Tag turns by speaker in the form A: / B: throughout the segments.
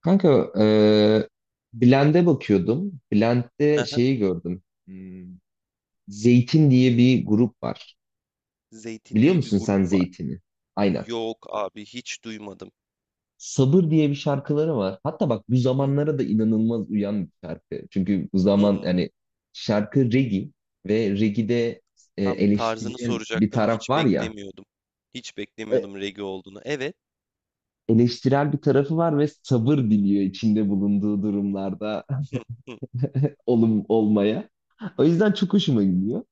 A: Kanka Blend'e bakıyordum. Blend'de
B: Hı hı.
A: şeyi gördüm. Hmm, Zeytin diye bir grup var.
B: Zeytin
A: Biliyor
B: diye bir
A: musun sen
B: grup var.
A: Zeytin'i? Aynen.
B: Yok abi hiç duymadım.
A: Sabır diye bir şarkıları var. Hatta bak bu
B: Hı hı.
A: zamanlara da inanılmaz uyan bir şarkı. Çünkü bu zaman
B: Hı.
A: yani şarkı reggae ve reggae'de
B: Tam tarzını
A: eleştirel bir
B: soracaktım.
A: taraf
B: Hiç
A: var ya.
B: beklemiyordum. Hiç
A: E,
B: beklemiyordum reggae olduğunu. Evet.
A: Eleştirel bir tarafı var ve sabır diliyor içinde bulunduğu durumlarda
B: Hı hı.
A: olum olmaya. O yüzden çok hoşuma gidiyor.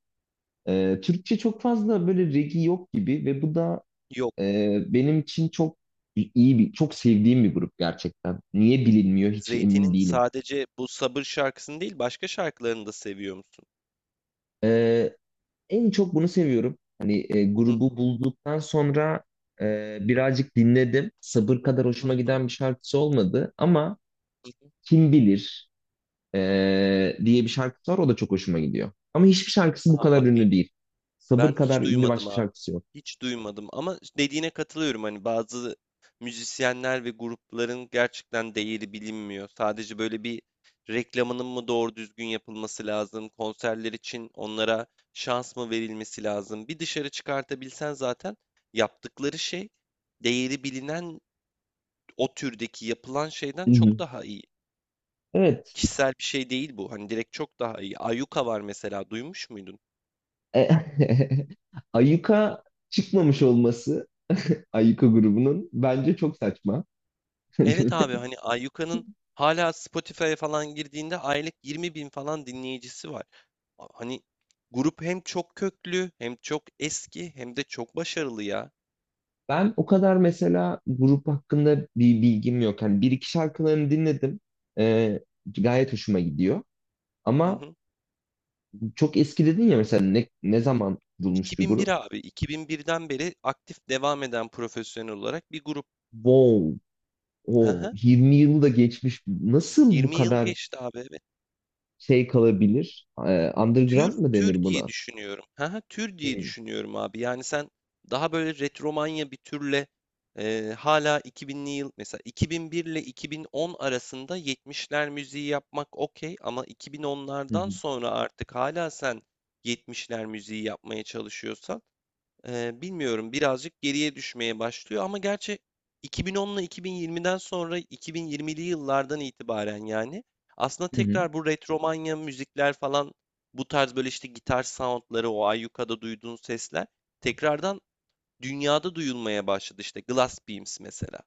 A: Türkçe çok fazla böyle regi yok gibi ve bu da
B: Yok.
A: benim için çok iyi bir, çok sevdiğim bir grup gerçekten. Niye bilinmiyor hiç emin
B: Zeytin'in
A: değilim.
B: sadece bu Sabır şarkısını değil başka şarkılarını da seviyor musun?
A: Ee, En çok bunu seviyorum. Hani
B: Hı
A: grubu bulduktan sonra birazcık dinledim. Sabır kadar
B: hı
A: hoşuma
B: hı.
A: giden bir şarkısı olmadı ama
B: Hı hı.
A: Kim Bilir e, diye bir şarkısı var o da çok hoşuma gidiyor. Ama hiçbir şarkısı bu
B: Aa,
A: kadar ünlü
B: bakayım.
A: değil. Sabır
B: Ben
A: kadar
B: hiç
A: ünlü
B: duymadım
A: başka
B: abi.
A: şarkısı yok.
B: Hiç duymadım ama dediğine katılıyorum hani bazı müzisyenler ve grupların gerçekten değeri bilinmiyor. Sadece böyle bir reklamının mı doğru düzgün yapılması lazım, konserler için onlara şans mı verilmesi lazım? Bir dışarı çıkartabilsen zaten yaptıkları şey değeri bilinen o türdeki yapılan şeyden
A: Hı hı.
B: çok daha iyi.
A: Evet.
B: Kişisel bir şey değil bu. Hani direkt çok daha iyi. Ayuka var mesela duymuş muydun?
A: E, Ayuka çıkmamış olması Ayuka grubunun bence çok saçma.
B: Evet abi hani Ayyuka'nın hala Spotify'a falan girdiğinde aylık 20 bin falan dinleyicisi var. A hani grup hem çok köklü hem çok eski hem de çok başarılı ya.
A: Ben o kadar mesela grup hakkında bir bilgim yok. Hani bir iki şarkılarını dinledim. E, Gayet hoşuma gidiyor.
B: Hı
A: Ama
B: hı.
A: çok eski dedin ya mesela ne zaman kurulmuş bir
B: 2001
A: grup?
B: abi. 2001'den beri aktif devam eden profesyonel olarak bir grup.
A: Wow,
B: Hı
A: o
B: hı.
A: 20 yılı da geçmiş. Nasıl bu
B: 20 yıl
A: kadar
B: geçti abi evet.
A: şey kalabilir?
B: Tür
A: Underground mı
B: tür
A: denir
B: diye
A: buna?
B: düşünüyorum. Hı Tür
A: Hı
B: diye düşünüyorum abi. Yani sen daha böyle retromanya bir türle hala 2000'li yıl mesela 2001 ile 2010 arasında 70'ler müziği yapmak okey ama
A: hı.
B: 2010'lardan sonra artık hala sen 70'ler müziği yapmaya çalışıyorsan bilmiyorum birazcık geriye düşmeye başlıyor ama gerçi 2010'la 2020'den sonra 2020'li yıllardan itibaren yani aslında
A: Hı. Hı.
B: tekrar bu retromanya müzikler falan bu tarz böyle işte gitar soundları o Ayyuka'da duyduğun sesler tekrardan dünyada duyulmaya başladı işte Glass Beams mesela.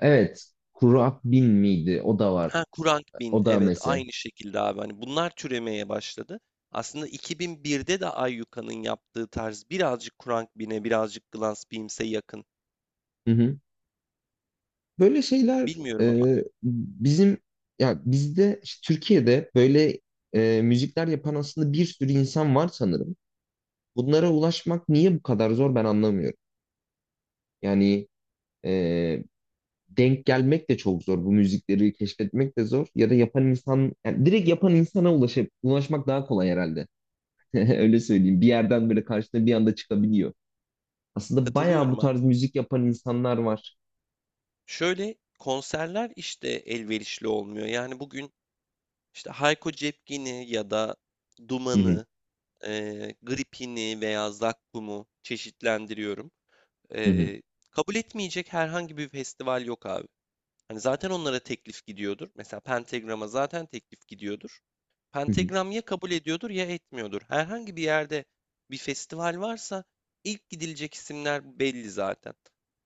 A: Evet. Kurak bin miydi? O da var.
B: Ha Kurang Bin
A: O da
B: evet
A: mesela.
B: aynı şekilde abi hani bunlar türemeye başladı. Aslında 2001'de de Ayyuka'nın yaptığı tarz birazcık Kurang Bin'e birazcık Glass Beams'e yakın.
A: Hı hı. Böyle şeyler
B: Bilmiyorum ama.
A: e, bizim ya bizde işte Türkiye'de böyle müzikler yapan aslında bir sürü insan var sanırım. Bunlara ulaşmak niye bu kadar zor ben anlamıyorum. Yani e, denk gelmek de çok zor. Bu müzikleri keşfetmek de zor. Ya da yapan insan yani direkt yapan insana ulaşıp ulaşmak daha kolay herhalde. Öyle söyleyeyim. Bir yerden böyle karşına bir anda çıkabiliyor. Aslında bayağı bu
B: Katılıyorum abi.
A: tarz müzik yapan insanlar var.
B: Şöyle konserler işte elverişli olmuyor. Yani bugün işte Hayko Cepkin'i ya da
A: Hı hı,
B: Duman'ı, Gripin'i veya Zakkum'u çeşitlendiriyorum.
A: hı hı,
B: Eee, kabul etmeyecek herhangi bir festival yok abi. Hani zaten onlara teklif gidiyordur. Mesela Pentagram'a zaten teklif gidiyordur.
A: hı hı.
B: Pentagram ya kabul ediyordur ya etmiyordur. Herhangi bir yerde bir festival varsa ilk gidilecek isimler belli zaten.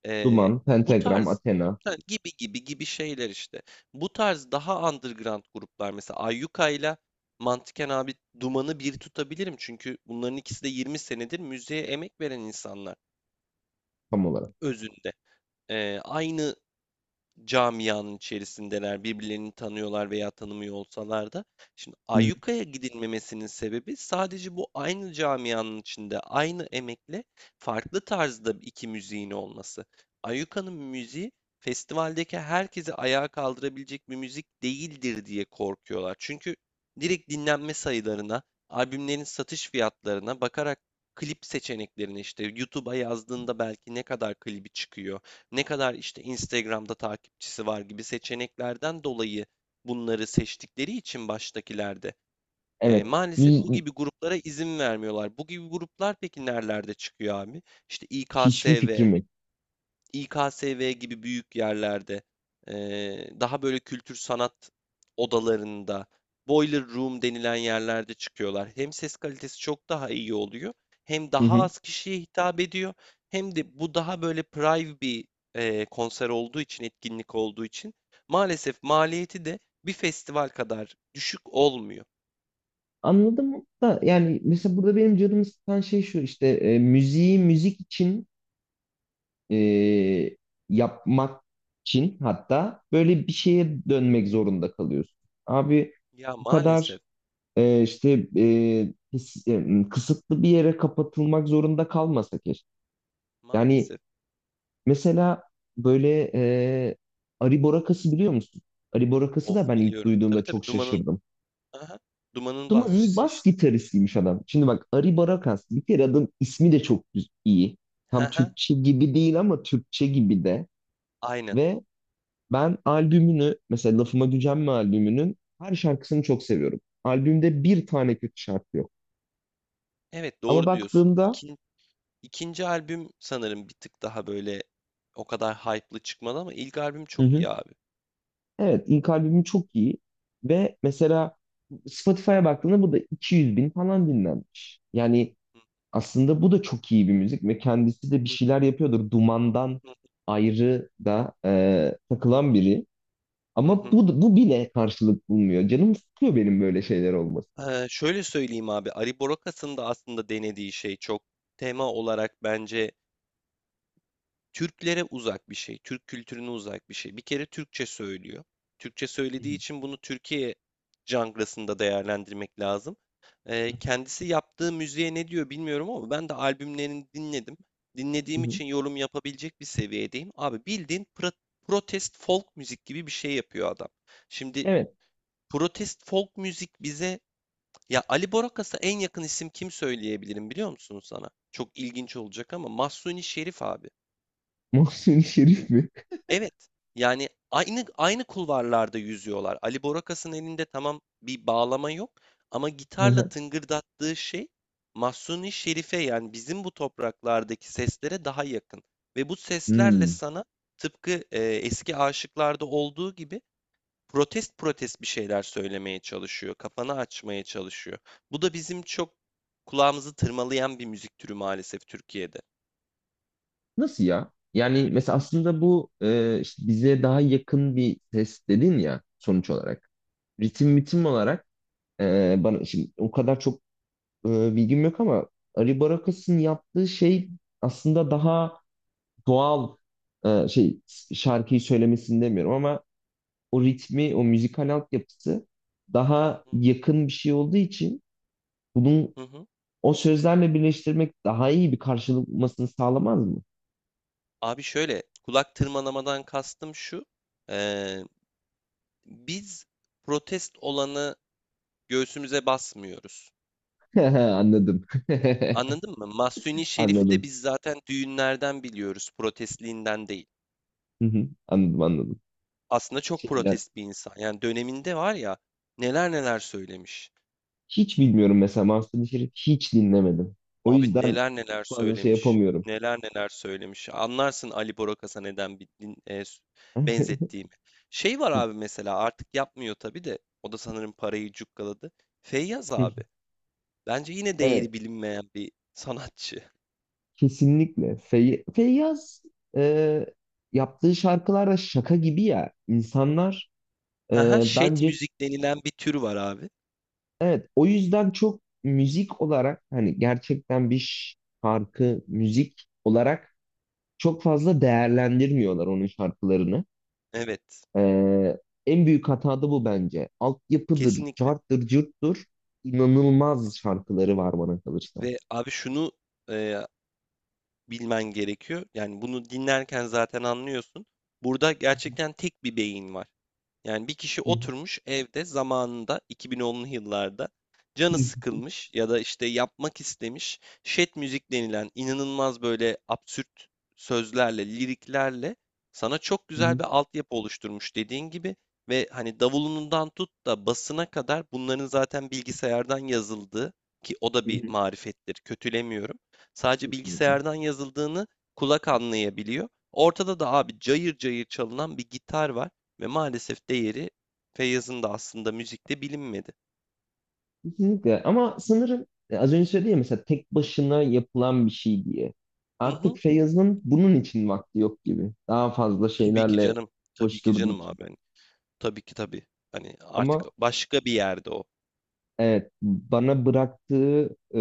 B: Ee,
A: Duman,
B: bu
A: Pentagram,
B: tarz
A: Athena
B: ha, gibi gibi gibi şeyler işte. Bu tarz daha underground gruplar mesela Ayyuka ile Mantıken abi Duman'ı bir tutabilirim. Çünkü bunların ikisi de 20 senedir müziğe emek veren insanlar
A: tam olarak.
B: özünde. Aynı camianın içerisindeler, birbirlerini tanıyorlar veya tanımıyor olsalar da. Şimdi
A: Hı hı.
B: Ayyuka'ya gidilmemesinin sebebi sadece bu aynı camianın içinde aynı emekle farklı tarzda iki müziğin olması. Ayyuka'nın müziği festivaldeki herkesi ayağa kaldırabilecek bir müzik değildir diye korkuyorlar. Çünkü direkt dinlenme sayılarına, albümlerin satış fiyatlarına bakarak klip seçeneklerine işte YouTube'a yazdığında belki ne kadar klibi çıkıyor ne kadar işte Instagram'da takipçisi var gibi seçeneklerden dolayı bunları seçtikleri için baştakilerde
A: Evet.
B: maalesef bu gibi gruplara izin vermiyorlar. Bu gibi gruplar peki nerelerde çıkıyor abi? İşte
A: Hiçbir
B: İKSV,
A: fikrim yok.
B: İKSV gibi büyük yerlerde, daha böyle kültür sanat odalarında, boiler room denilen yerlerde çıkıyorlar. Hem ses kalitesi çok daha iyi oluyor, hem
A: Hı
B: daha
A: hı.
B: az kişiye hitap ediyor, hem de bu daha böyle private bir konser olduğu için, etkinlik olduğu için maalesef maliyeti de bir festival kadar düşük olmuyor.
A: Anladım da yani mesela burada benim canımı sıkan şey şu işte müziği müzik için e, yapmak için hatta
B: Hı.
A: böyle bir şeye dönmek zorunda kalıyorsun. Abi
B: Ya
A: bu kadar
B: maalesef,
A: işte kısıtlı bir yere kapatılmak zorunda kalmasa keşke. Yani
B: maalesef.
A: mesela böyle Ari Borakası biliyor musun? Ari Borakası
B: Of
A: da ben ilk
B: biliyorum. Tabii
A: duyduğumda
B: tabii
A: çok şaşırdım.
B: Aha, Duman'ın
A: Duman'ın
B: basçısı
A: bas
B: işte.
A: gitaristiymiş adam. Şimdi bak Ari Aribarakas bir kere adam ismi de çok iyi. Tam
B: Haha,
A: Türkçe gibi değil ama Türkçe gibi de.
B: aynen.
A: Ve ben albümünü mesela Lafıma Gücenme albümünün her şarkısını çok seviyorum. Albümde bir tane kötü şarkı yok.
B: Evet,
A: Ama
B: doğru diyorsun.
A: baktığımda,
B: İkinci albüm sanırım bir tık daha böyle o kadar hype'lı çıkmadı ama ilk albüm
A: hı
B: çok
A: hı.
B: iyi abi.
A: Evet, ilk albümü çok iyi ve mesela Spotify'a baktığında bu da 200 bin falan dinlenmiş.
B: Hı hı,
A: Yani
B: hı
A: aslında bu da çok iyi bir müzik ve kendisi de bir
B: hı,
A: şeyler yapıyordur. Dumandan ayrı da
B: hı
A: takılan
B: hı,
A: biri.
B: hı
A: Ama
B: hı.
A: bu bile karşılık bulmuyor. Canım sıkıyor benim böyle şeyler olması.
B: Şöyle söyleyeyim abi, Ari Borokas'ın da aslında denediği şey çok tema olarak bence Türklere uzak bir şey, Türk kültürüne uzak bir şey. Bir kere Türkçe söylüyor. Türkçe
A: Hı hı,
B: söylediği için bunu Türkiye janrasında değerlendirmek lazım. Kendisi yaptığı müziğe ne diyor bilmiyorum ama ben de albümlerini dinledim.
A: hı
B: Dinlediğim
A: hı.
B: için yorum yapabilecek bir seviyedeyim. Abi bildiğin protest folk müzik gibi bir şey yapıyor adam. Şimdi
A: Evet.
B: protest folk müzik bize ya Ali Borakas'a en yakın isim kim söyleyebilirim biliyor musun sana? Çok ilginç olacak ama Mahsuni Şerif abi.
A: Mahsuni Şerif mi?
B: Evet, yani aynı kulvarlarda yüzüyorlar. Ali Borakas'ın elinde tamam bir bağlama yok ama
A: Hı
B: gitarla
A: hı.
B: tıngırdattığı şey Mahsuni Şerife yani bizim bu topraklardaki seslere daha yakın. Ve bu seslerle
A: Hmm.
B: sana tıpkı eski aşıklarda olduğu gibi protest protest bir şeyler söylemeye çalışıyor, kafanı açmaya çalışıyor. Bu da bizim çok kulağımızı tırmalayan bir müzik türü maalesef Türkiye'de.
A: Nasıl ya? Yani mesela aslında bu işte bize daha yakın bir ses dedin ya sonuç olarak. Ritim olarak bana şimdi o kadar çok bilgim yok ama Ari Barakas'ın yaptığı şey aslında daha doğal e, şey şarkıyı söylemesini demiyorum ama o ritmi, o müzikal altyapısı
B: Hı
A: daha
B: hı.
A: yakın bir şey olduğu için bunun
B: Hı hı.
A: o sözlerle birleştirmek daha iyi bir karşılık bulmasını sağlamaz mı?
B: Abi şöyle, kulak tırmalamadan kastım şu. eee, Biz protest olanı göğsümüze basmıyoruz.
A: Anladım.
B: Anladın mı? Mahsuni Şerif'i de
A: Anladım.
B: biz zaten düğünlerden biliyoruz, protestliğinden değil.
A: Hı hı, anladım, anladım.
B: Aslında çok
A: Şeyler.
B: protest bir insan. Yani döneminde var ya neler neler söylemiş.
A: Hiç bilmiyorum mesela Master Şerif hiç dinlemedim. O
B: Abi
A: yüzden
B: neler neler
A: çok fazla şey
B: söylemiş.
A: yapamıyorum.
B: Neler neler söylemiş. Anlarsın Ali Borokas'a neden bir benzettiğimi. Şey var abi mesela artık yapmıyor tabii de o da sanırım parayı cukkaladı. Feyyaz abi. Bence yine
A: Evet,
B: değeri bilinmeyen bir sanatçı.
A: kesinlikle. Feyyaz e, yaptığı şarkılar da şaka gibi ya. İnsanlar
B: Haha, şet
A: bence
B: müzik denilen bir tür var abi.
A: evet o yüzden çok müzik olarak hani gerçekten bir şarkı müzik olarak çok fazla değerlendirmiyorlar onun şarkılarını.
B: Evet.
A: Ee, en büyük hata da bu bence. Altyapıdır,
B: Kesinlikle.
A: carttır, cırttır. İnanılmaz şarkıları var bana kalırsa.
B: Ve abi şunu e, bilmen gerekiyor. Yani bunu dinlerken zaten anlıyorsun. Burada
A: Hı
B: gerçekten tek bir beyin var. Yani bir kişi
A: hı.
B: oturmuş evde zamanında 2010'lu yıllarda canı
A: Hı
B: sıkılmış ya da işte yapmak istemiş şet müzik denilen inanılmaz böyle absürt sözlerle, liriklerle sana çok güzel
A: hı.
B: bir altyapı oluşturmuş dediğin gibi ve hani davulundan tut da basına kadar bunların zaten bilgisayardan yazıldığı ki o da
A: Hı
B: bir
A: hı.
B: marifettir, kötülemiyorum. Sadece
A: Kesinlikle.
B: bilgisayardan yazıldığını kulak anlayabiliyor. Ortada da abi cayır cayır çalınan bir gitar var. Ve maalesef değeri Feyyaz'ın da aslında müzikte bilinmedi.
A: Kesinlikle. Ama sanırım az önce söyledim ya mesela tek başına yapılan bir şey diye.
B: Hı
A: Artık
B: hı.
A: Feyyaz'ın bunun için vakti yok gibi. Daha fazla
B: Tabii ki
A: şeylerle
B: canım. Tabii ki
A: koşturduğu
B: canım
A: için.
B: abi. Hani, tabii ki tabii. Hani artık
A: Ama
B: başka bir yerde o.
A: evet bana bıraktığı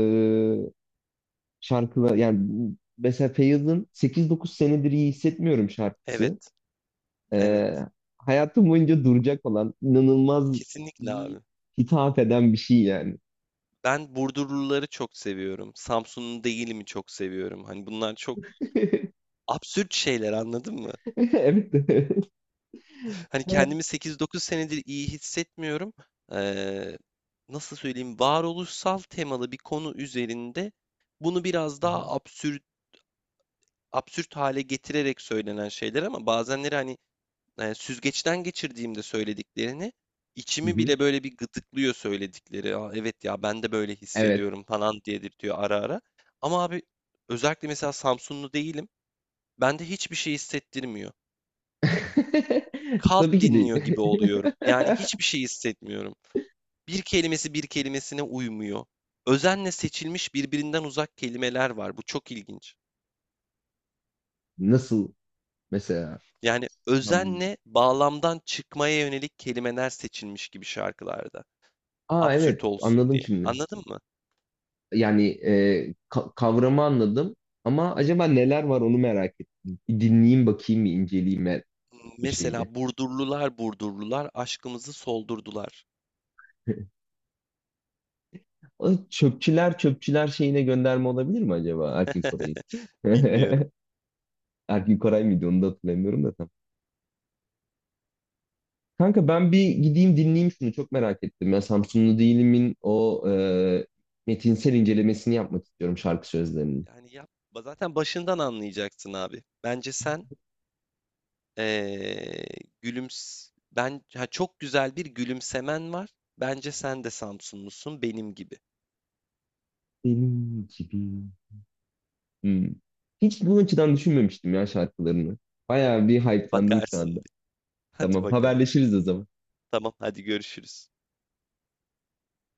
A: şarkılar yani mesela Feyyaz'ın 8-9 senedir iyi hissetmiyorum şarkısı.
B: Evet.
A: Ee,
B: Evet.
A: Hayatım boyunca duracak olan inanılmaz
B: Kesinlikle
A: iyi
B: abi.
A: hitap eden bir şey yani.
B: Ben Burdurluları çok seviyorum. Samsunlu değilimi çok seviyorum. Hani bunlar çok absürt şeyler anladın mı?
A: Evet. Evet.
B: Hani kendimi 8-9 senedir iyi hissetmiyorum. Ee, nasıl söyleyeyim? Varoluşsal temalı bir konu üzerinde bunu biraz daha absürt absürt hale getirerek söylenen şeyler ama bazenleri hani, süzgeçten geçirdiğimde söylediklerini,
A: Hı
B: içimi
A: hı.
B: bile böyle bir gıdıklıyor söyledikleri. "A, evet ya, ben de böyle
A: Evet.
B: hissediyorum." falan dedirtiyor ara ara. Ama abi özellikle mesela Samsunlu değilim. Bende hiçbir şey hissettirmiyor. Kalt
A: Tabii ki değil.
B: dinliyor gibi oluyorum. Yani hiçbir şey hissetmiyorum. Bir kelimesi bir kelimesine uymuyor. Özenle seçilmiş birbirinden uzak kelimeler var. Bu çok ilginç.
A: Nasıl mesela?
B: Yani
A: Hmm.
B: özenle bağlamdan çıkmaya yönelik kelimeler seçilmiş gibi şarkılarda.
A: Aa
B: Absürt
A: evet
B: olsun
A: anladım
B: diye.
A: şimdi.
B: Anladın mı?
A: Yani kavramı anladım ama acaba neler var onu merak ettim. Bir dinleyeyim bakayım bir inceleyeyim ben bu şeyi.
B: Mesela Burdurlular Burdurlular aşkımızı soldurdular.
A: O Çöpçüler şeyine gönderme olabilir mi acaba Erkin Koray'ı?
B: Bilmiyorum.
A: Erkin Koray mıydı onu da hatırlamıyorum da tam. Kanka ben bir gideyim dinleyeyim şunu çok merak ettim. Ya Samsunlu Değilim'in o metinsel incelemesini yapmak istiyorum şarkı sözlerinin.
B: Yani yap. Zaten başından anlayacaksın abi. Bence sen eee çok güzel bir gülümsemen var. Bence sen de Samsunlusun benim gibi.
A: Benim gibi. Hmm. Hiç bu açıdan düşünmemiştim ya şarkılarını. Bayağı bir hype'landım şu
B: Bakarsın
A: anda.
B: bir. Hadi
A: Tamam
B: bakalım.
A: haberleşiriz o zaman.
B: Tamam hadi görüşürüz.